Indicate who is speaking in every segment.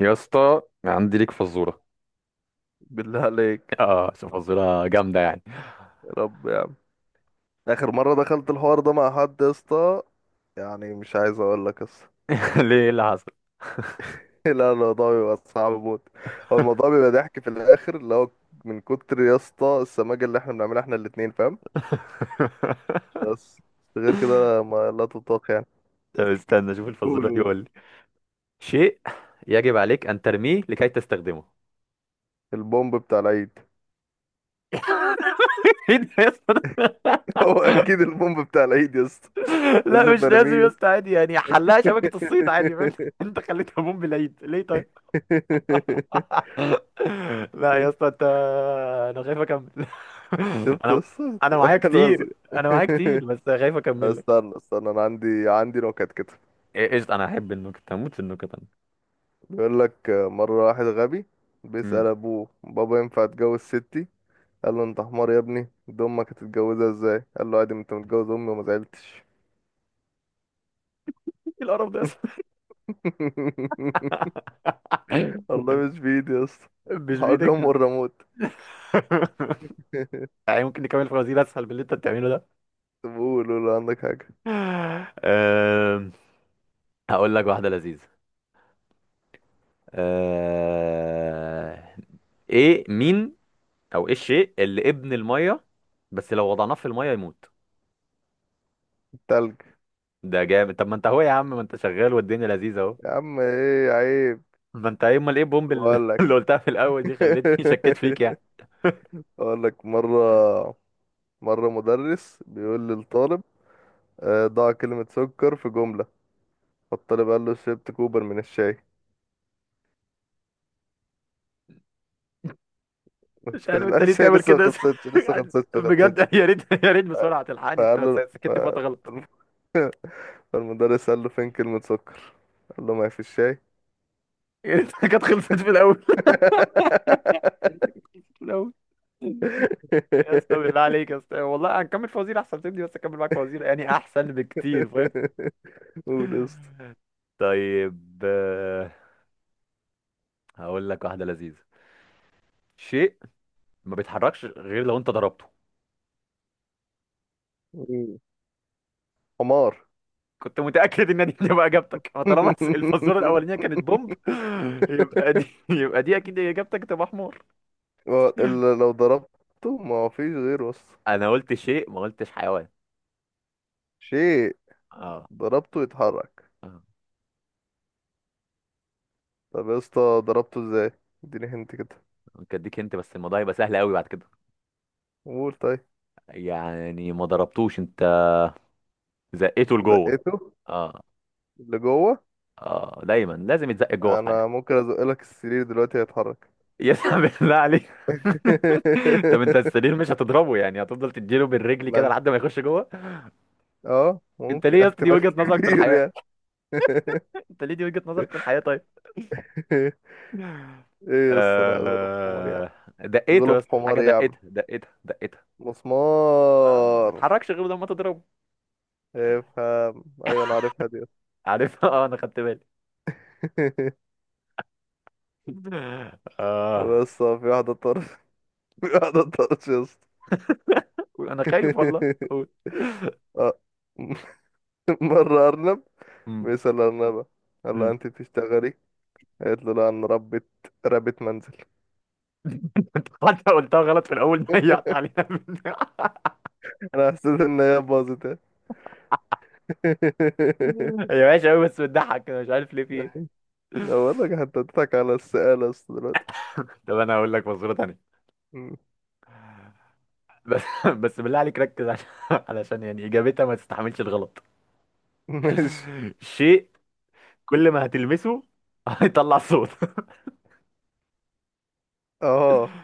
Speaker 1: يا اسطى عندي ليك فزوره.
Speaker 2: بالله عليك.
Speaker 1: اه، بس فزوره جامده يعني.
Speaker 2: يا رب يا عم، اخر مره دخلت الحوار ده مع حد يا اسطى، يعني مش عايز اقول لك قصه.
Speaker 1: ليه؟ إيه اللي حصل؟
Speaker 2: لا، الموضوع بيبقى صعب موت. هو الموضوع بيبقى ضحك في الاخر، اللي هو من كتر يا اسطى السماجه اللي احنا بنعملها احنا الاتنين فاهم. بس غير كده ما لا تطاق يعني.
Speaker 1: طب استنى، شوف
Speaker 2: قول
Speaker 1: الفزوره دي،
Speaker 2: قول.
Speaker 1: قول لي. شيء يجب عليك ان ترميه لكي تستخدمه.
Speaker 2: البومب بتاع العيد.
Speaker 1: ايه ده يا اسطى؟
Speaker 2: هو اكيد البومب بتاع العيد يا اسطى.
Speaker 1: لا مش
Speaker 2: لازم ارميه
Speaker 1: لازم يا
Speaker 2: يا
Speaker 1: اسطى، عادي يعني، حلها
Speaker 2: اسطى.
Speaker 1: شبكه الصيد، عادي فاهم. انت خليتها بوم بالعيد ليه طيب؟ لا يا اسطى انت، انا خايف اكمل.
Speaker 2: شفت يا
Speaker 1: انا
Speaker 2: اسطى؟
Speaker 1: انا معايا
Speaker 2: الوزن.
Speaker 1: كتير، انا معايا كتير بس خايف اكمل لك.
Speaker 2: استنى استنى، انا عندي نكت كده.
Speaker 1: إيه، قشطه، انا احب النكت، هموت في النكت.
Speaker 2: بيقول لك مره واحد غبي
Speaker 1: انا.
Speaker 2: بيسأل ابوه: بابا ينفع اتجوز ستي؟ قال له انت حمار يا ابني، دي امك هتتجوزها ازاي؟ قال له عادي، ما انت متجوز امي وما زعلتش.
Speaker 1: ايه القرف ده يا اسطى؟ ايوه.
Speaker 2: والله
Speaker 1: انت.
Speaker 2: مش بايدي يا اسطى.
Speaker 1: مش بايدك.
Speaker 2: الحجام والريموت.
Speaker 1: يعني ممكن نكمل فوازير اسهل من اللي انت بتعمله ده.
Speaker 2: طب قول قول، عندك حاجه.
Speaker 1: أم، هقول لك واحده لذيذه. أه، ايه مين؟ او ايه الشيء اللي ابن الميه بس لو وضعناه في الميه يموت؟
Speaker 2: تلج.
Speaker 1: ده جامد، طب ما انت اهو يا عم، ما انت شغال والدنيا لذيذه اهو.
Speaker 2: يا عم ايه عيب.
Speaker 1: ما انت ايه، امال ايه البومب اللي
Speaker 2: بقول
Speaker 1: اللي
Speaker 2: لك.
Speaker 1: قلتها في الاول دي خلتني شكيت فيك يعني.
Speaker 2: اقول لك مره مدرس بيقول للطالب: ضع كلمه سكر في جمله. فالطالب قال له: شربت كوبر من الشاي.
Speaker 1: مش
Speaker 2: قلت له
Speaker 1: عارف انت
Speaker 2: لا،
Speaker 1: ليه
Speaker 2: الشاي
Speaker 1: تعمل
Speaker 2: لسه ما
Speaker 1: كده.
Speaker 2: خلصتش لسه ما خلصتش ما خلصتش.
Speaker 1: بجد، يا ريت، بسرعه تلحقني انت.
Speaker 2: فقال له
Speaker 1: سكت في وقت غلط.
Speaker 2: فالمدرس قال له: فين كلمة سكر؟ قال له ما هي في الشاي.
Speaker 1: يا ريت كانت خلصت في الاول. يا ريت كانت خلصت في الاول. يا اسطى بالله عليك يا اسطى، والله هنكمل فوازير احسن تبني، بس اكمل معاك فوازير يعني احسن بكتير، فاهم.
Speaker 2: قول يا اسطى.
Speaker 1: طيب هقول لك واحده لذيذه. شيء ما بيتحركش غير لو انت ضربته.
Speaker 2: حمار.
Speaker 1: كنت متاكد ان دي هتبقى اجابتك، فطالما الفزوره الاولانيه كانت بومب يبقى دي، اكيد اجابتك تبقى حمار.
Speaker 2: هو اللي لو ضربته ما هو فيش غيره اصلا.
Speaker 1: انا قلت شيء ما قلتش حيوان.
Speaker 2: شيء
Speaker 1: اه.
Speaker 2: ضربته يتحرك.
Speaker 1: اه،
Speaker 2: طب يا اسطى ضربته ازاي؟ اديني هنت كده.
Speaker 1: ممكن اديك انت بس الموضوع يبقى سهل قوي بعد كده.
Speaker 2: قول طيب.
Speaker 1: يعني ما ضربتوش انت، زقته لجوه.
Speaker 2: زقته.
Speaker 1: اه.
Speaker 2: اللي جوه.
Speaker 1: اه، دايما لازم يتزق جوه في حاجه.
Speaker 2: انا ممكن ازق لك السرير دلوقتي هيتحرك.
Speaker 1: يسحب بالله عليك. طب انت السرير مش هتضربه يعني، هتفضل تديله بالرجل
Speaker 2: ما
Speaker 1: كده
Speaker 2: انت.
Speaker 1: لحد ما يخش جوه.
Speaker 2: اه،
Speaker 1: انت
Speaker 2: ممكن،
Speaker 1: ليه يا اسطى دي
Speaker 2: احتمال
Speaker 1: وجهه نظرك في
Speaker 2: كبير
Speaker 1: الحياه؟
Speaker 2: يعني.
Speaker 1: انت ليه دي وجهه نظرك في الحياه طيب؟
Speaker 2: ايه يس لا غلب حمار يا
Speaker 1: آه...
Speaker 2: عم.
Speaker 1: دقيته يا
Speaker 2: غلب
Speaker 1: اسطى،
Speaker 2: حمار
Speaker 1: حاجه
Speaker 2: يا عم.
Speaker 1: دقتها دقتها دقتها. اه، ما
Speaker 2: مسمار.
Speaker 1: اتحركش غير لما تضربه.
Speaker 2: افهم، ايوه انا عارفها دي.
Speaker 1: عارف. اه انا خدت بالي.
Speaker 2: طب
Speaker 1: اه.
Speaker 2: بس في واحدة طرش. في واحدة طرش يا اسطى.
Speaker 1: قول، انا خايف والله، قول.
Speaker 2: اه. مرة أرنب
Speaker 1: امم
Speaker 2: بيسأل أرنبة، قال لها:
Speaker 1: امم
Speaker 2: أنت بتشتغلي؟ قالت له: لا، أنا ربة، ربة منزل.
Speaker 1: حتى قلتها غلط في الاول، ضيعت عليها.
Speaker 2: انا حسيت ان هي باظت يعني.
Speaker 1: هي وحشة أوي بس بتضحك أنا مش عارف ليه، في إيه؟
Speaker 2: أنا بقول لك، حتى اديتك على السقالة بس دلوقتي.
Speaker 1: طب أنا هقول لك مصورة تانية.
Speaker 2: مم.
Speaker 1: بس. بس بالله عليك ركز، علشان يعني إجابتها ما تستحملش الغلط.
Speaker 2: ماشي.
Speaker 1: شيء كل ما هتلمسه هيطلع صوت.
Speaker 2: اه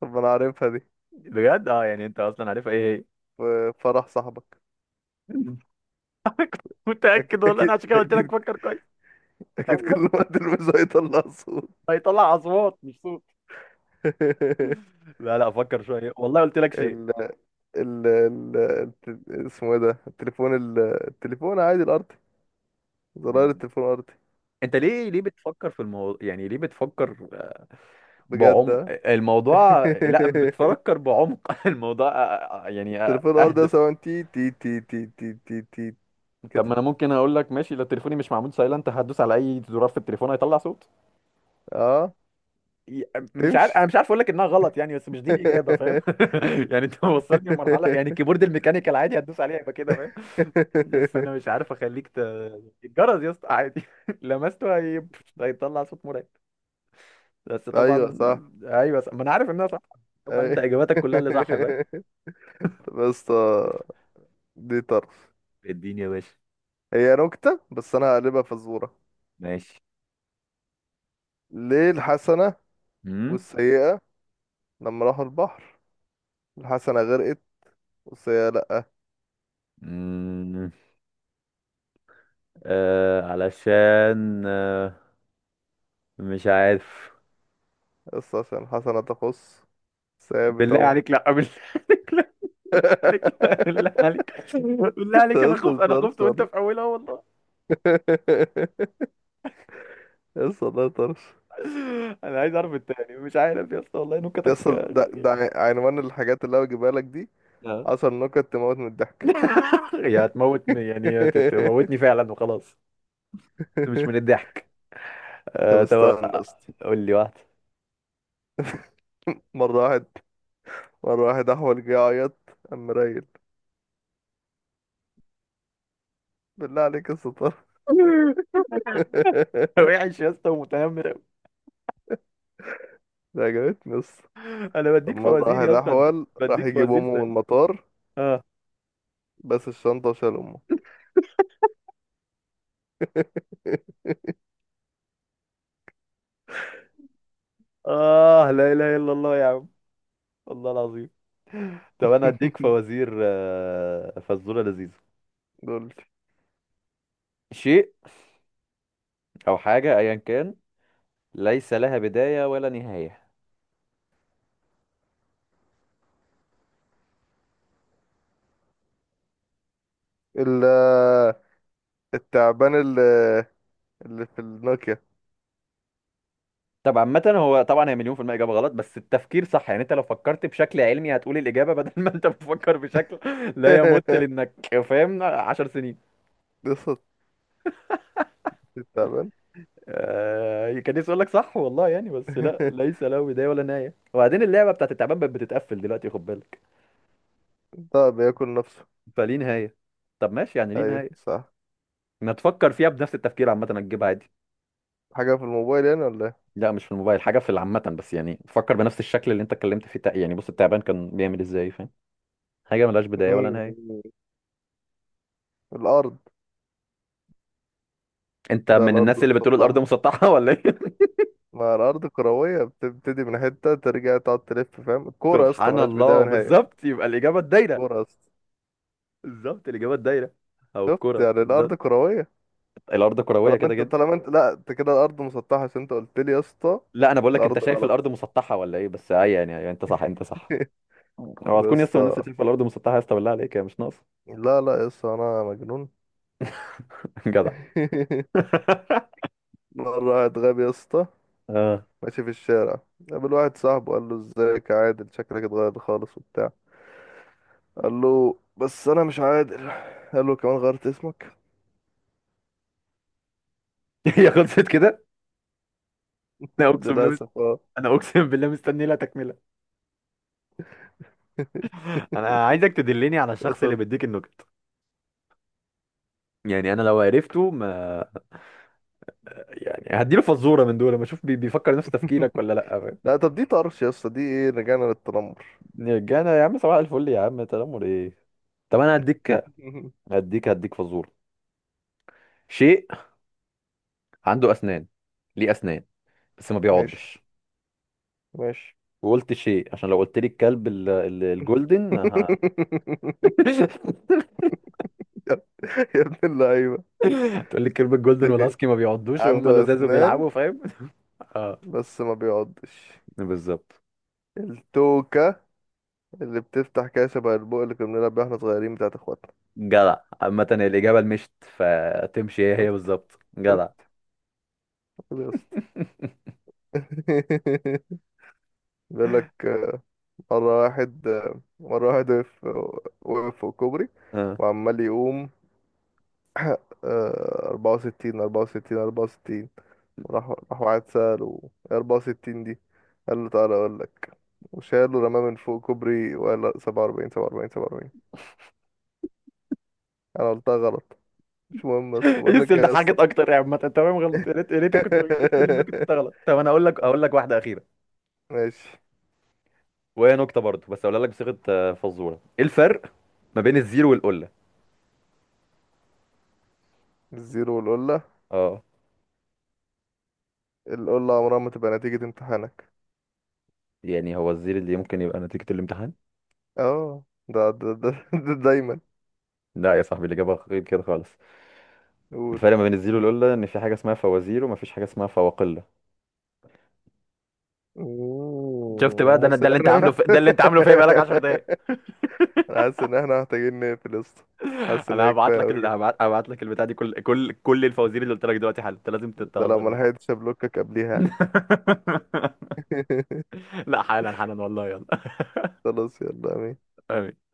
Speaker 2: طب، ما انا عارفها دي.
Speaker 1: بجد؟ أه، يعني أنت أصلا عارفها إيه؟
Speaker 2: في فرح صاحبك.
Speaker 1: هي. كنت متأكد والله أنا،
Speaker 2: اكيد
Speaker 1: عشان كده قلت لك
Speaker 2: اكيد.
Speaker 1: فكر كويس.
Speaker 2: اكيد كل ما تلبسه هيطلع صوت.
Speaker 1: هيطلع أصوات مش صوت. لا لا، فكر شوية، والله قلت لك شيء.
Speaker 2: ال اسمه ايه ده؟ التليفون عادي الارضي. زرار
Speaker 1: مم.
Speaker 2: التليفون الارضي.
Speaker 1: أنت ليه، بتفكر في الموضوع يعني، ليه بتفكر
Speaker 2: بجد
Speaker 1: بعمق
Speaker 2: آه.
Speaker 1: الموضوع؟ لا، بتفكر بعمق الموضوع. يعني
Speaker 2: التليفون الارضي ده
Speaker 1: اهدى.
Speaker 2: سواء تي تي تي تي تي تي تي
Speaker 1: طب
Speaker 2: كده.
Speaker 1: ما انا ممكن اقول لك ماشي، لو تليفوني مش معمول سايلنت هدوس على اي زرار في التليفون هيطلع صوت.
Speaker 2: اه،
Speaker 1: ي-
Speaker 2: تمشي.
Speaker 1: مش عارف اقول لك انها غلط يعني، بس مش دي الاجابه، فاهم. يعني انت وصلني لمرحله يعني الكيبورد الميكانيكال عادي هتدوس عليه هيبقى كده، فاهم. بس انا مش عارف اخليك ت... الجرس يا اسطى عادي. لمسته هي... هيطلع صوت مرعب. بس طبعا.
Speaker 2: ايوه صح.
Speaker 1: ايوه، ما انا عارف انها صح، طبعا انت
Speaker 2: أي-
Speaker 1: اجاباتك كلها اللي صح، فاهم.
Speaker 2: طب يا اسطى، دي طرف.
Speaker 1: اديني يا باشا.
Speaker 2: هي نكتة بس انا هقلبها فزورة.
Speaker 1: ماشي.
Speaker 2: ليه الحسنة
Speaker 1: مم؟
Speaker 2: والسيئة لما راحوا البحر الحسنة غرقت والسيئة لأ؟
Speaker 1: مم. علشان، مش عارف.
Speaker 2: بس عشان الحسنة تخص، السيئة
Speaker 1: بالله
Speaker 2: بتعوم.
Speaker 1: عليك لا. بالله عليك لا، عليك لا، بالله عليك. بالله
Speaker 2: يا
Speaker 1: عليك
Speaker 2: اسطى
Speaker 1: انا خفت،
Speaker 2: ده
Speaker 1: انا
Speaker 2: طرش
Speaker 1: خفت وانت
Speaker 2: والله.
Speaker 1: في اولها والله.
Speaker 2: يا اسطى ده طرش.
Speaker 1: انا عايز اعرف التاني، مش عارف يا اسطى والله،
Speaker 2: يا
Speaker 1: نكتك
Speaker 2: اسطى ده
Speaker 1: غريبة.
Speaker 2: عنوان الحاجات اللي انا بجيبها لك دي:
Speaker 1: لا.
Speaker 2: عشر نكت تموت من الضحك.
Speaker 1: يا هتموتني يعني، يا تموتني فعلا وخلاص. مش من الضحك.
Speaker 2: طب
Speaker 1: آه طب،
Speaker 2: استنى استنى.
Speaker 1: قول لي واحده.
Speaker 2: مرة واحد مرة واحد أحول جه يعيط، قام رايل: بالله عليك يا ستار.
Speaker 1: وحش يا اسطى ومتنمر أوي.
Speaker 2: ده عجبتني بس.
Speaker 1: انا
Speaker 2: طب
Speaker 1: بديك
Speaker 2: مرة
Speaker 1: فوازير
Speaker 2: واحد
Speaker 1: يا اسطى،
Speaker 2: أحول راح
Speaker 1: بديك
Speaker 2: يجيب
Speaker 1: فوازير
Speaker 2: أمه من
Speaker 1: ثاني.
Speaker 2: المطار، بس الشنطة وشال أمه.
Speaker 1: آه لا إله إلا الله يا عم، والله العظيم. طب أنا أديك فوازير، فزورة لذيذة.
Speaker 2: دول.
Speaker 1: شيء أو حاجة أيا كان، ليس لها بداية ولا نهاية.
Speaker 2: ال التعبان اللي في النوكيا.
Speaker 1: طب عامة، هو طبعا هي مليون في المية إجابة غلط بس التفكير صح، يعني أنت لو فكرت بشكل علمي هتقول الإجابة، بدل ما أنت بتفكر بشكل لا يمت، لأنك فاهم عشر سنين.
Speaker 2: قصة التعبان.
Speaker 1: آه، كان نفسي أقول لك صح والله يعني، بس لا، ليس له بداية ولا نهاية، وبعدين اللعبة بتاعت التعبان بقت بتتقفل دلوقتي، خد بالك
Speaker 2: ده بياكل نفسه.
Speaker 1: فليه نهاية. طب ماشي، يعني ليه
Speaker 2: أيوة
Speaker 1: نهاية.
Speaker 2: صح.
Speaker 1: ما تفكر فيها بنفس التفكير، عامة هتجيبها عادي.
Speaker 2: حاجة في الموبايل يعني ولا إيه؟
Speaker 1: لا، مش في الموبايل، حاجة في العامة بس، يعني فكر بنفس الشكل اللي انت اتكلمت فيه، يعني بص، التعبان كان بيعمل ازاي، فاهم. حاجة ملهاش بداية ولا نهاية.
Speaker 2: مم. الأرض.
Speaker 1: انت
Speaker 2: لا،
Speaker 1: من
Speaker 2: الأرض
Speaker 1: الناس اللي بتقول الأرض
Speaker 2: مسطحة،
Speaker 1: مسطحة ولا ايه؟
Speaker 2: ما الأرض كروية، بتبتدي من حتة ترجع تقعد تلف فاهم؟ الكورة يا اسطى
Speaker 1: سبحان
Speaker 2: ملهاش بداية
Speaker 1: الله،
Speaker 2: ونهاية.
Speaker 1: بالظبط، يبقى الإجابة الدايرة.
Speaker 2: الكورة يا اسطى.
Speaker 1: بالظبط الإجابة الدايرة، أو
Speaker 2: شفت؟
Speaker 1: الكرة
Speaker 2: يعني الأرض
Speaker 1: بالظبط.
Speaker 2: كروية.
Speaker 1: الأرض كروية
Speaker 2: طالما
Speaker 1: كده
Speaker 2: انت
Speaker 1: جدا.
Speaker 2: طالما انت لا، انت كده الأرض مسطحة عشان انت قلت لي يا اسطى.
Speaker 1: لا، أنا بقول لك انت
Speaker 2: الأرض
Speaker 1: شايف الأرض
Speaker 2: غلط.
Speaker 1: مسطحة ولا ايه، بس اي يعني، أي، انت صح، انت صح. هو
Speaker 2: طب يا
Speaker 1: هتكون يسطا من الناس اللي
Speaker 2: اسطى،
Speaker 1: شايفة الأرض مسطحة يسطا؟ بالله عليك هي مش ناقصة.
Speaker 2: لا لا يا اسطى أنا مجنون.
Speaker 1: جدع.
Speaker 2: مرة واحد غبي يا اسطى
Speaker 1: اه.
Speaker 2: ماشي في الشارع، قابل واحد صاحبه قال له: ازيك يا عادل، شكلك اتغير خالص وبتاع. قال له بس أنا مش عادل. قال له كمان غيرت اسمك.
Speaker 1: هي خلصت كده؟ لا اقسم بالله،
Speaker 2: للأسف اه.
Speaker 1: انا اقسم بالله مستني لها تكمله. انا عايزك تدلني على الشخص اللي
Speaker 2: للأسف.
Speaker 1: بيديك النكت، يعني انا لو عرفته ما، يعني هديله فزوره من دول ما اشوف بيفكر نفس تفكيرك ولا لا، فاهم؟
Speaker 2: لا طب دي طرش يا اسطى، دي ايه رجعنا للتنمر.
Speaker 1: رجعنا يا عم، صباح الفل يا عم، تنمر ايه؟ طب انا هديك، فزوره. شيء عنده اسنان، ليه اسنان بس ما
Speaker 2: ماشي
Speaker 1: بيعضش.
Speaker 2: ماشي.
Speaker 1: وقلت شيء عشان لو قلت لي الكلب الجولدن ه...
Speaker 2: يا يا ابن اللعيبة.
Speaker 1: تقول لي الكلب الجولدن والهاسكي ما بيعضوش وهم
Speaker 2: عنده
Speaker 1: لزاز
Speaker 2: أسنان
Speaker 1: وبيلعبوا، فاهم. اه،
Speaker 2: بس ما بيعضش.
Speaker 1: بالظبط،
Speaker 2: التوكة اللي بتفتح كده شبه البوق اللي كنا بنلعب بيه واحنا صغيرين بتاعت اخواتنا.
Speaker 1: جدع. عامة الإجابة المشت فتمشي هي هي
Speaker 2: شفت،
Speaker 1: بالظبط، جدع.
Speaker 2: شفت. طيب يا اسطى. بيقول لك مرة واحد، وقف فوق كوبري
Speaker 1: اه.
Speaker 2: وعمال يقوم آه، أربعة وستين أربعة وستين أربعة وستين. راح واحد سأله: إيه أربعة وستين دي؟ قال له تعالى أقول لك، وشاله رماه من فوق كوبري وقال: لا، سبعة وأربعين سبعة وأربعين سبعة وأربعين. أنا قلتها غلط، مش مهم، بس بقول لك
Speaker 1: السؤال
Speaker 2: إيه
Speaker 1: ده
Speaker 2: يا اسطى.
Speaker 1: حاجة أكتر، يا عامة تمام غلط، يا ريت، كل النكت كنت غلط. طب أنا أقول لك واحدة أخيرة،
Speaker 2: ماشي.
Speaker 1: وهي نكتة برضه بس أقولها لك بصيغة فزورة. إيه الفرق ما بين الزير والقلة؟
Speaker 2: الزيرو والقلة.
Speaker 1: اه.
Speaker 2: القلة عمرها ما تبقى نتيجة امتحانك.
Speaker 1: يعني هو الزير اللي ممكن يبقى نتيجة الامتحان؟
Speaker 2: اه، ده ده ده, ده دايما.
Speaker 1: لا يا صاحبي، الإجابة غير كده خالص.
Speaker 2: قول.
Speaker 1: الفرق ما بين الزير والقلة إن في حاجة اسمها فوازير وما فيش حاجة اسمها فواقلة. شفت بقى،
Speaker 2: انا
Speaker 1: ده أنا،
Speaker 2: حاسس
Speaker 1: ده اللي أنت
Speaker 2: ان
Speaker 1: عامله
Speaker 2: انا
Speaker 1: في... ده اللي أنت عامله فيا بقالك 10 دقايق.
Speaker 2: انا حاسس ان احنا محتاجين نقفل يا اسطى. حاسس ان
Speaker 1: انا
Speaker 2: هي
Speaker 1: هبعت
Speaker 2: كفايه
Speaker 1: لك
Speaker 2: قوي
Speaker 1: ال...
Speaker 2: كده.
Speaker 1: هبعت... هبعت لك البتاع دي، كل الفوازير اللي قلت لك دلوقتي حالا انت لازم
Speaker 2: ده لو
Speaker 1: تتهزر
Speaker 2: ما
Speaker 1: بيها.
Speaker 2: لحقتش ابلوكك قبليها يعني.
Speaker 1: لا حالا، حالا والله.
Speaker 2: خلاص يلا امين.
Speaker 1: يلا.